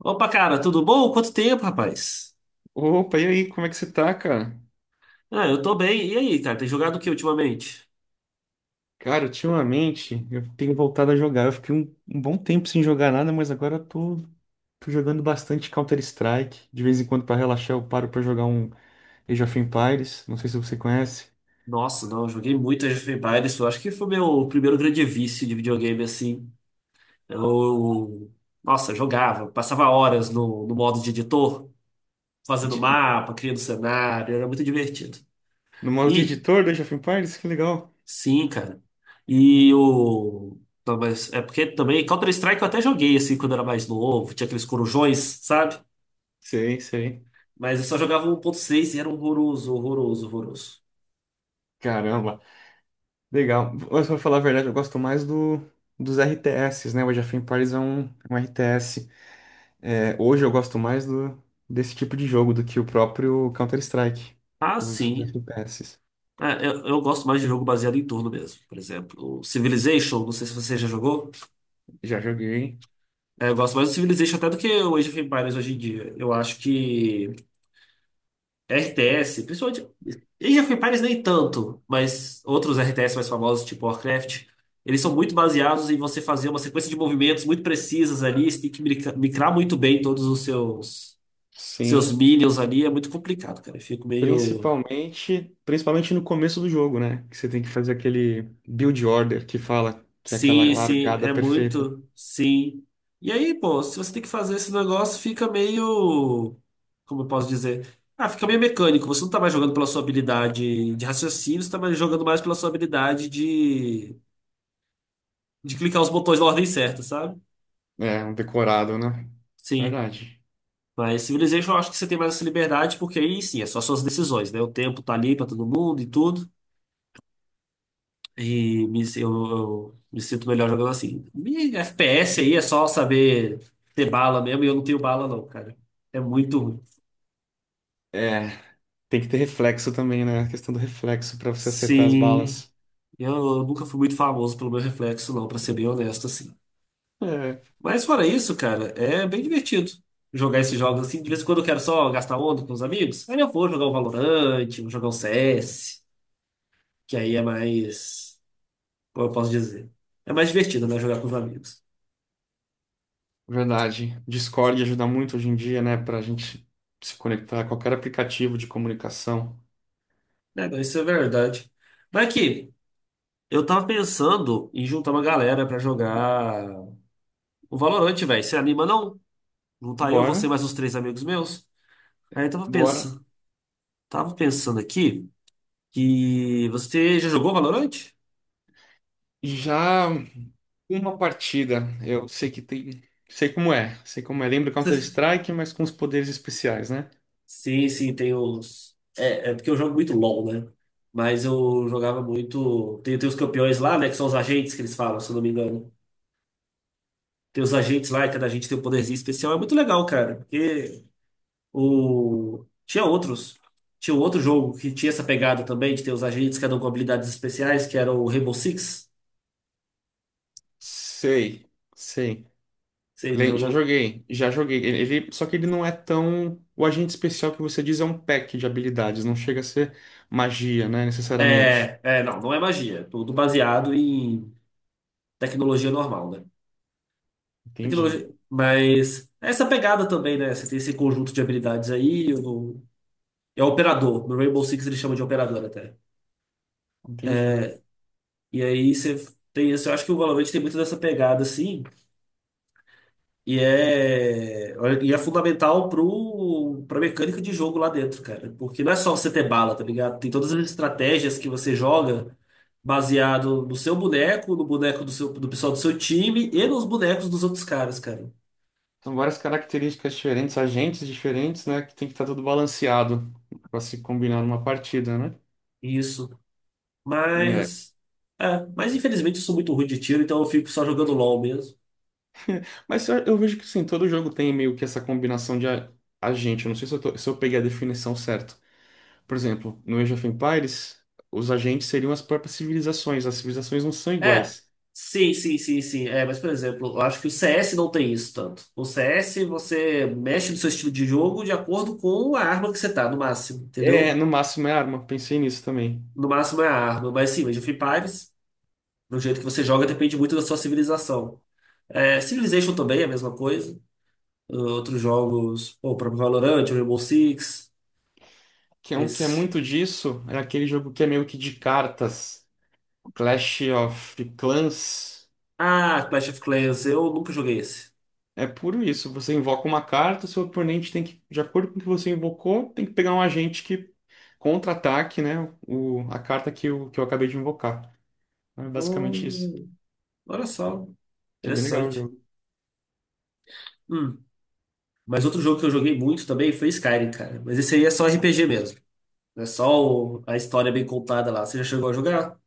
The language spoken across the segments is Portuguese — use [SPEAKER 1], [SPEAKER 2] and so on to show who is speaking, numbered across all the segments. [SPEAKER 1] Opa, cara, tudo bom? Quanto tempo, rapaz?
[SPEAKER 2] Opa, e aí, como é que você tá, cara?
[SPEAKER 1] Ah, eu tô bem. E aí, cara, tem jogado o que ultimamente?
[SPEAKER 2] Cara, ultimamente eu tenho voltado a jogar. Eu fiquei um bom tempo sem jogar nada, mas agora eu tô jogando bastante Counter-Strike. De vez em quando, pra relaxar, eu paro pra jogar um Age of Empires. Não sei se você conhece.
[SPEAKER 1] Nossa, não, eu joguei muito Age of Empires. Eu acho que foi meu primeiro grande vício de videogame, assim. Eu, Nossa, jogava, passava horas no modo de editor, fazendo
[SPEAKER 2] De-
[SPEAKER 1] mapa, criando cenário, era muito divertido.
[SPEAKER 2] no modo de
[SPEAKER 1] E,
[SPEAKER 2] editor do Age of Empires? Que legal.
[SPEAKER 1] sim, cara. E o. Não, mas é porque também Counter-Strike eu até joguei, assim, quando era mais novo, tinha aqueles corujões, sabe?
[SPEAKER 2] Sei, sei.
[SPEAKER 1] Mas eu só jogava 1.6 e era horroroso, horroroso, horroroso.
[SPEAKER 2] Caramba, legal. Mas pra falar a verdade, eu gosto mais dos RTS, né? O Age of Empires é um RTS. É, hoje eu gosto mais desse tipo de jogo do que o próprio Counter-Strike,
[SPEAKER 1] Ah,
[SPEAKER 2] os
[SPEAKER 1] sim.
[SPEAKER 2] FPS.
[SPEAKER 1] Ah, eu gosto mais de jogo baseado em turno mesmo. Por exemplo, o Civilization, não sei se você já jogou.
[SPEAKER 2] Já joguei,
[SPEAKER 1] É, eu gosto mais do Civilization até do que o Age of Empires hoje em dia. Eu acho que RTS, principalmente. Age of Empires nem tanto, mas outros RTS mais famosos, tipo Warcraft, eles são muito baseados em você fazer uma sequência de movimentos muito precisas ali. Você tem que micrar muito bem todos os seus
[SPEAKER 2] sim.
[SPEAKER 1] minions ali. É muito complicado, cara. Eu fico meio.
[SPEAKER 2] Principalmente no começo do jogo, né? Que você tem que fazer aquele build order que fala que é aquela
[SPEAKER 1] Sim, sim,
[SPEAKER 2] largada
[SPEAKER 1] é
[SPEAKER 2] perfeita.
[SPEAKER 1] muito, sim. E aí, pô, se você tem que fazer esse negócio, fica meio, como eu posso dizer? Ah, fica meio mecânico. Você não tá mais jogando pela sua habilidade de raciocínio, você tá mais jogando mais pela sua habilidade de clicar os botões na ordem certa, sabe?
[SPEAKER 2] É, um decorado, né?
[SPEAKER 1] Sim.
[SPEAKER 2] Verdade.
[SPEAKER 1] Mas Civilization eu acho que você tem mais essa liberdade, porque aí sim, é só suas decisões, né? O tempo tá ali pra todo mundo e tudo. Eu me sinto melhor jogando assim. E FPS aí é só saber ter bala mesmo, e eu não tenho bala, não, cara. É muito ruim.
[SPEAKER 2] É, tem que ter reflexo também, né? A questão do reflexo pra você acertar as
[SPEAKER 1] Sim,
[SPEAKER 2] balas.
[SPEAKER 1] eu nunca fui muito famoso pelo meu reflexo, não, pra ser bem honesto, assim.
[SPEAKER 2] É.
[SPEAKER 1] Mas fora isso, cara, é bem divertido jogar esses jogos assim. De vez em quando eu quero só gastar onda com os amigos. Aí eu vou jogar um Valorant, vou jogar um CS, que aí é mais. Como eu posso dizer? É mais divertido, né? Jogar com os amigos.
[SPEAKER 2] Verdade. Discord ajuda muito hoje em dia, né, pra gente se conectar a qualquer aplicativo de comunicação.
[SPEAKER 1] É, não, isso é verdade. Mas aqui. Eu tava pensando em juntar uma galera pra jogar o Valorant, velho. Você anima não? Não tá eu, você
[SPEAKER 2] Bora,
[SPEAKER 1] mais uns três amigos meus? Aí eu
[SPEAKER 2] bora.
[SPEAKER 1] tava pensando aqui que você já jogou Valorant?
[SPEAKER 2] Já uma partida. Eu sei que tem, sei como é, sei como é. Lembra Counter-Strike, mas com os poderes especiais, né?
[SPEAKER 1] Sim, sim, tem uns. É porque eu jogo muito LoL, né? Mas eu jogava muito. Tem os campeões lá, né? Que são os agentes que eles falam, se eu não me engano. Tem os agentes lá e cada agente tem um poderzinho especial. É muito legal, cara. Porque Tinha outros. Tinha um outro jogo que tinha essa pegada também, de ter os agentes, cada um com habilidades especiais, que era o Rainbow Six.
[SPEAKER 2] Sei, sei.
[SPEAKER 1] Você já
[SPEAKER 2] Já
[SPEAKER 1] jogou?
[SPEAKER 2] joguei, já joguei. Só que ele não é tão. O agente especial que você diz é um pack de habilidades, não chega a ser magia, né, necessariamente.
[SPEAKER 1] Não, não é magia. É tudo baseado em tecnologia normal, né?
[SPEAKER 2] Entendi,
[SPEAKER 1] Mas é essa pegada também, né? Você tem esse conjunto de habilidades aí. É o operador. No Rainbow Six ele chama de operador até.
[SPEAKER 2] entendi.
[SPEAKER 1] E aí você tem isso. Eu acho que o Valorant tem muito dessa pegada, assim. E é, e é fundamental pra mecânica de jogo lá dentro, cara. Porque não é só você ter bala, tá ligado? Tem todas as estratégias que você joga baseado no seu boneco, no boneco do pessoal do seu time e nos bonecos dos outros caras, cara.
[SPEAKER 2] São várias características diferentes, agentes diferentes, né? Que tem que estar tudo balanceado para se combinar numa partida, né?
[SPEAKER 1] Isso.
[SPEAKER 2] É.
[SPEAKER 1] Mas. É, mas infelizmente eu sou muito ruim de tiro, então eu fico só jogando LOL mesmo.
[SPEAKER 2] Mas eu vejo que sim, todo jogo tem meio que essa combinação de agente. Eu não sei se eu peguei a definição certa. Por exemplo, no Age of Empires, os agentes seriam as próprias civilizações. As civilizações não são
[SPEAKER 1] É,
[SPEAKER 2] iguais.
[SPEAKER 1] sim, sim, sim, sim. É, mas, por exemplo, eu acho que o CS não tem isso tanto. O CS, você mexe no seu estilo de jogo de acordo com a arma que você tá, no máximo,
[SPEAKER 2] É,
[SPEAKER 1] entendeu?
[SPEAKER 2] no máximo é arma. Pensei nisso também.
[SPEAKER 1] No máximo é a arma. Mas sim, mas o Free Fires, do jeito que você joga, depende muito da sua civilização. É, Civilization também é a mesma coisa. Outros jogos, pô, o próprio Valorant, o Rainbow Six,
[SPEAKER 2] Que é um que é
[SPEAKER 1] esse.
[SPEAKER 2] muito disso, é aquele jogo que é meio que de cartas, Clash of Clans.
[SPEAKER 1] Ah, Clash of Clans, eu nunca joguei esse.
[SPEAKER 2] É puro isso. Você invoca uma carta, seu oponente tem que, de acordo com o que você invocou, tem que pegar um agente que contra-ataque, né? A carta que eu acabei de invocar. É basicamente isso.
[SPEAKER 1] Hum, olha só,
[SPEAKER 2] É bem legal o
[SPEAKER 1] interessante.
[SPEAKER 2] jogo.
[SPEAKER 1] Hum. Mas outro jogo que eu joguei muito também foi Skyrim, cara. Mas esse aí é só RPG mesmo. É só a história bem contada lá. Você já chegou a jogar?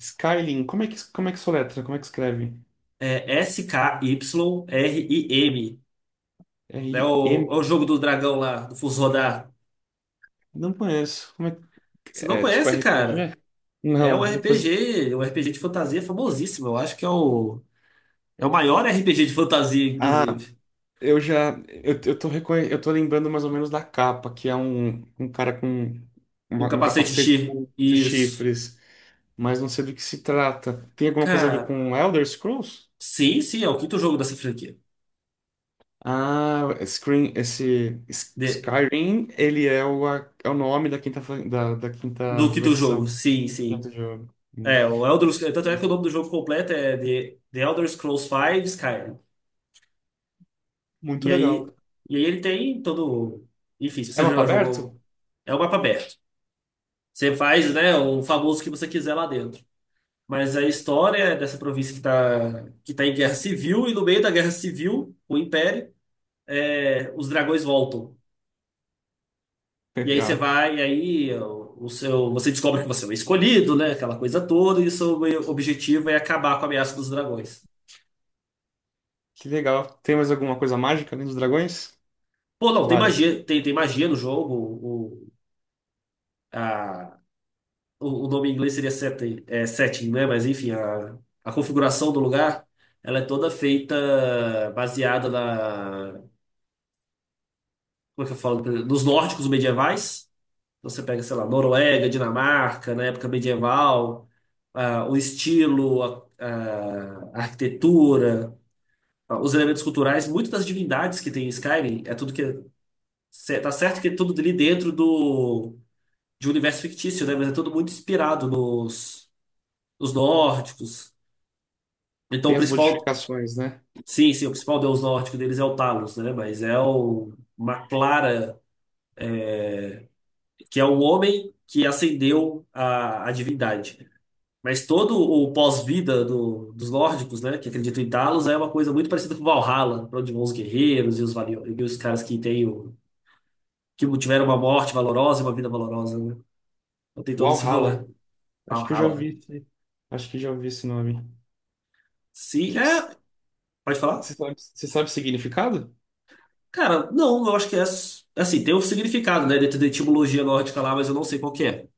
[SPEAKER 2] Skyrim, como é que soletra? Como é que escreve?
[SPEAKER 1] É S-K-Y-R-I-M. É o
[SPEAKER 2] R-M?
[SPEAKER 1] jogo do dragão lá, do Fus Rodar.
[SPEAKER 2] Não conheço. Como é, que-
[SPEAKER 1] Você não
[SPEAKER 2] é tipo
[SPEAKER 1] conhece, cara?
[SPEAKER 2] RPG?
[SPEAKER 1] É
[SPEAKER 2] Não,
[SPEAKER 1] um
[SPEAKER 2] depois.
[SPEAKER 1] RPG, um RPG de fantasia famosíssimo. Eu acho que é o maior RPG de fantasia,
[SPEAKER 2] Ah,
[SPEAKER 1] inclusive.
[SPEAKER 2] eu já. Eu tô lembrando mais ou menos da capa, que é um cara com
[SPEAKER 1] Com
[SPEAKER 2] um
[SPEAKER 1] capacete
[SPEAKER 2] capacete
[SPEAKER 1] X.
[SPEAKER 2] com os
[SPEAKER 1] Isso.
[SPEAKER 2] chifres. Mas não sei do que se trata. Tem alguma coisa a ver
[SPEAKER 1] Cara,
[SPEAKER 2] com Elder Scrolls?
[SPEAKER 1] sim, sim, é o quinto jogo dessa franquia.
[SPEAKER 2] Ah, Screen, esse
[SPEAKER 1] De-
[SPEAKER 2] Skyrim, ele é o, a- é o nome da da quinta
[SPEAKER 1] do quinto jogo,
[SPEAKER 2] versão
[SPEAKER 1] sim, sim.
[SPEAKER 2] do jogo. Hum.
[SPEAKER 1] É, o Elder, tanto é que o nome do jogo completo é The Elder Scrolls V Skyrim.
[SPEAKER 2] Muito
[SPEAKER 1] E aí,
[SPEAKER 2] legal.
[SPEAKER 1] e aí ele tem todo. Enfim, se
[SPEAKER 2] É
[SPEAKER 1] você
[SPEAKER 2] mapa
[SPEAKER 1] já
[SPEAKER 2] aberto?
[SPEAKER 1] jogou. É um mapa aberto. Você faz, né, o famoso que você quiser lá dentro. Mas a história é dessa província que tá, em guerra civil, e no meio da guerra civil, o Império, os dragões voltam. E aí você
[SPEAKER 2] Legal.
[SPEAKER 1] vai, e aí o seu, você descobre que você é o escolhido, né? Aquela coisa toda, e o seu objetivo é acabar com a ameaça dos dragões.
[SPEAKER 2] Que legal. Tem mais alguma coisa mágica além dos dragões?
[SPEAKER 1] Pô, não, tem
[SPEAKER 2] Várias.
[SPEAKER 1] magia, tem magia no jogo. A, o nome em inglês seria setting, é, setting, né? Mas enfim, a configuração do lugar, ela é toda feita baseada na, como é que eu falo? Nos nórdicos medievais. Então, você pega, sei lá, Noruega, Dinamarca, na época medieval, o estilo, a arquitetura, os elementos culturais, muitas das divindades que tem em Skyrim, é tudo que tá certo que é tudo ali dentro do de um universo fictício, né? Mas é tudo muito inspirado nos nórdicos. Então, o
[SPEAKER 2] Tem as
[SPEAKER 1] principal,
[SPEAKER 2] modificações, né?
[SPEAKER 1] sim, sim, o principal deus nórdico deles é o Talos, né? Mas é o, uma Clara, que é o homem que ascendeu a divindade. Mas todo o pós-vida dos nórdicos, né, que acreditam em Talos, é uma coisa muito parecida com Valhalla, para onde vão os guerreiros e os caras que tiveram uma morte valorosa e uma vida valorosa, né? Então tem todo esse rolê.
[SPEAKER 2] Walhalla. Acho que eu já ouvi
[SPEAKER 1] Valhalla.
[SPEAKER 2] esse, acho que já ouvi esse nome.
[SPEAKER 1] Sim,
[SPEAKER 2] Que,
[SPEAKER 1] é. Pode falar?
[SPEAKER 2] você sabe o significado?
[SPEAKER 1] Cara, não, eu acho que é assim, tem um significado, né, dentro da etimologia nórdica lá, mas eu não sei qual que é.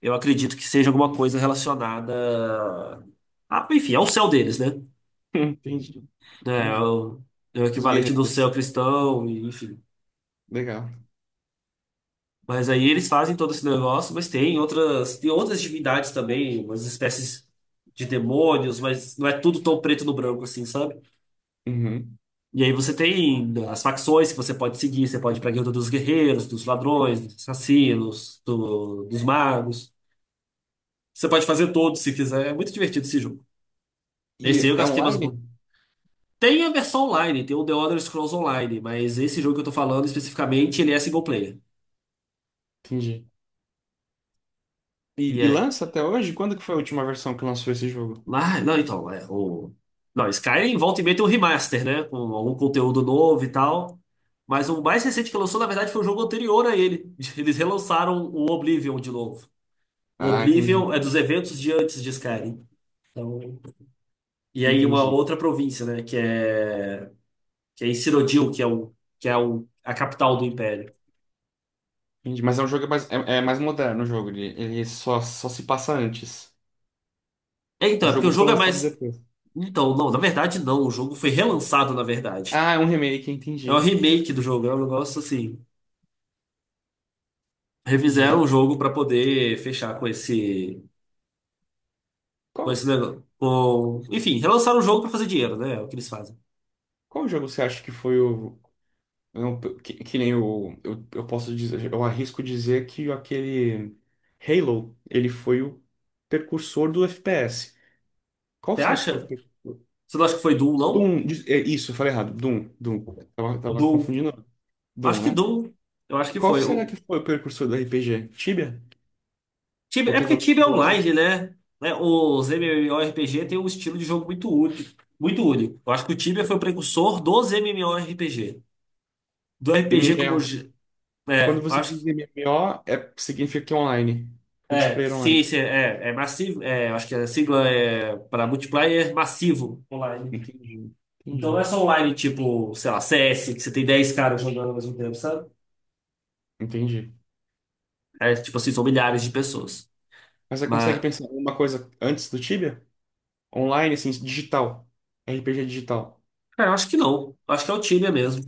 [SPEAKER 1] Eu acredito que seja alguma coisa relacionada a, enfim, ao céu deles, né?
[SPEAKER 2] Entendi.
[SPEAKER 1] É, é
[SPEAKER 2] Entendi.
[SPEAKER 1] o, é o
[SPEAKER 2] Dos
[SPEAKER 1] equivalente do céu
[SPEAKER 2] guerreiros.
[SPEAKER 1] cristão, e, enfim.
[SPEAKER 2] Legal.
[SPEAKER 1] Mas aí eles fazem todo esse negócio, mas tem outras divindades também, umas espécies de demônios, mas não é tudo tão preto no branco assim, sabe?
[SPEAKER 2] Uhum.
[SPEAKER 1] E aí você tem as facções que você pode seguir, você pode ir pra guilda dos guerreiros, dos ladrões, dos assassinos, dos magos. Você pode fazer todos se quiser. É muito divertido esse jogo. Esse aí
[SPEAKER 2] E
[SPEAKER 1] eu
[SPEAKER 2] é
[SPEAKER 1] gastei umas.
[SPEAKER 2] online?
[SPEAKER 1] Bo- Tem a versão online, tem o The Elder Scrolls Online, mas esse jogo que eu tô falando especificamente, ele é single player.
[SPEAKER 2] Entendi.
[SPEAKER 1] E
[SPEAKER 2] E
[SPEAKER 1] é.
[SPEAKER 2] lança até hoje? Quando que foi a última versão que lançou esse jogo?
[SPEAKER 1] Ah, não, então, é o. Não, Skyrim volta e meia tem um remaster, né? Com algum conteúdo novo e tal. Mas o mais recente que lançou, na verdade, foi o jogo anterior a ele. Eles relançaram o Oblivion de novo. O
[SPEAKER 2] Ah, entendi.
[SPEAKER 1] Oblivion é dos eventos de antes de Skyrim. Então, e aí uma
[SPEAKER 2] Entendi.
[SPEAKER 1] outra província, né? Que é em Cyrodiil, que é o, a capital do Império.
[SPEAKER 2] Entendi. Mas é um jogo mais, é mais moderno o jogo. Ele só se passa antes.
[SPEAKER 1] É,
[SPEAKER 2] O
[SPEAKER 1] então, é porque
[SPEAKER 2] jogo
[SPEAKER 1] o
[SPEAKER 2] foi
[SPEAKER 1] jogo é
[SPEAKER 2] lançado
[SPEAKER 1] mais.
[SPEAKER 2] depois.
[SPEAKER 1] Então, não, na verdade não, o jogo foi relançado, na verdade.
[SPEAKER 2] Ah, é um remake,
[SPEAKER 1] É um
[SPEAKER 2] entendi.
[SPEAKER 1] remake do jogo, é um negócio assim.
[SPEAKER 2] Entendi.
[SPEAKER 1] Refizeram o jogo pra poder fechar com esse. Com esse
[SPEAKER 2] Qual,
[SPEAKER 1] negócio. Enfim, relançaram o jogo pra fazer dinheiro, né? É o que eles fazem.
[SPEAKER 2] qual jogo você acha que foi o. Não, que nem o. Eu posso dizer, eu arrisco dizer que aquele Halo, ele foi o precursor do FPS. Qual
[SPEAKER 1] Você
[SPEAKER 2] será que foi o
[SPEAKER 1] acha?
[SPEAKER 2] filme?
[SPEAKER 1] Você não acha que foi Doom, não?
[SPEAKER 2] Doom, é, isso, eu falei errado. Doom, Doom. Tava
[SPEAKER 1] Doom.
[SPEAKER 2] confundindo. Doom,
[SPEAKER 1] Acho que
[SPEAKER 2] né?
[SPEAKER 1] Doom. Eu acho que
[SPEAKER 2] Qual
[SPEAKER 1] foi.
[SPEAKER 2] será que foi o precursor do RPG? Tibia?
[SPEAKER 1] Tibia,
[SPEAKER 2] Ou
[SPEAKER 1] é
[SPEAKER 2] teve
[SPEAKER 1] porque
[SPEAKER 2] algum que
[SPEAKER 1] Tibia é
[SPEAKER 2] veio antes do
[SPEAKER 1] online,
[SPEAKER 2] Tibia?
[SPEAKER 1] né? Né, os MMORPG tem um estilo de jogo muito único, muito único. Eu acho que o Tibia foi o precursor dos MMORPG. Do RPG como
[SPEAKER 2] MMO.
[SPEAKER 1] é,
[SPEAKER 2] Quando
[SPEAKER 1] eu
[SPEAKER 2] você
[SPEAKER 1] acho que
[SPEAKER 2] diz MMO, é, significa que é online.
[SPEAKER 1] é,
[SPEAKER 2] Multiplayer
[SPEAKER 1] sim,
[SPEAKER 2] online.
[SPEAKER 1] sim, é massivo, é, eu acho que a sigla é para multiplayer massivo online.
[SPEAKER 2] Entendi.
[SPEAKER 1] Então
[SPEAKER 2] Entendi.
[SPEAKER 1] não é só online tipo, sei lá, CS, que você tem 10 caras jogando ao mesmo tempo, sabe?
[SPEAKER 2] Entendi.
[SPEAKER 1] É tipo assim, são milhares de pessoas.
[SPEAKER 2] Mas você consegue
[SPEAKER 1] mas
[SPEAKER 2] pensar em alguma coisa antes do Tibia? Online, assim, digital. RPG digital.
[SPEAKER 1] Cara, eu acho que não. Acho que é o Tibia mesmo.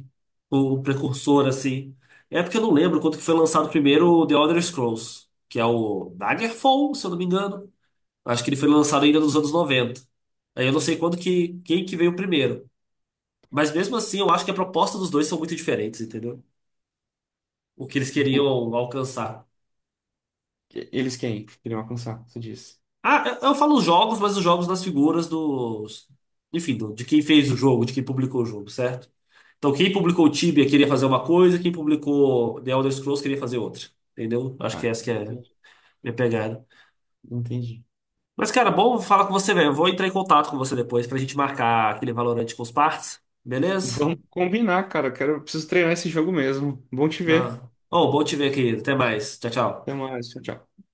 [SPEAKER 1] O precursor, assim. É porque eu não lembro quanto que foi lançado primeiro o The Elder Scrolls, que é o Daggerfall, se eu não me engano. Acho que ele foi lançado ainda nos anos 90. Aí eu não sei quem que veio primeiro. Mas mesmo assim, eu acho que a proposta dos dois são muito diferentes, entendeu? O que eles queriam
[SPEAKER 2] Do-
[SPEAKER 1] alcançar.
[SPEAKER 2] Eles quem? Queriam alcançar, você disse.
[SPEAKER 1] Ah, eu falo os jogos, mas os jogos das figuras dos. Enfim, de quem fez o jogo, de quem publicou o jogo, certo? Então, quem publicou o Tibia queria fazer uma coisa, quem publicou The Elder Scrolls queria fazer outra. Entendeu? Acho que
[SPEAKER 2] Ah,
[SPEAKER 1] essa que é a
[SPEAKER 2] entendi.
[SPEAKER 1] minha pegada.
[SPEAKER 2] Entendi.
[SPEAKER 1] Mas, cara, bom falar com você, velho. Eu vou entrar em contato com você depois pra gente marcar aquele Valorante com os partes, beleza?
[SPEAKER 2] Vamos combinar, cara. Preciso treinar esse jogo mesmo. Bom te ver.
[SPEAKER 1] Ô, bom te ver aqui. Até mais. Tchau, tchau.
[SPEAKER 2] Até mais. Tchau, tchau.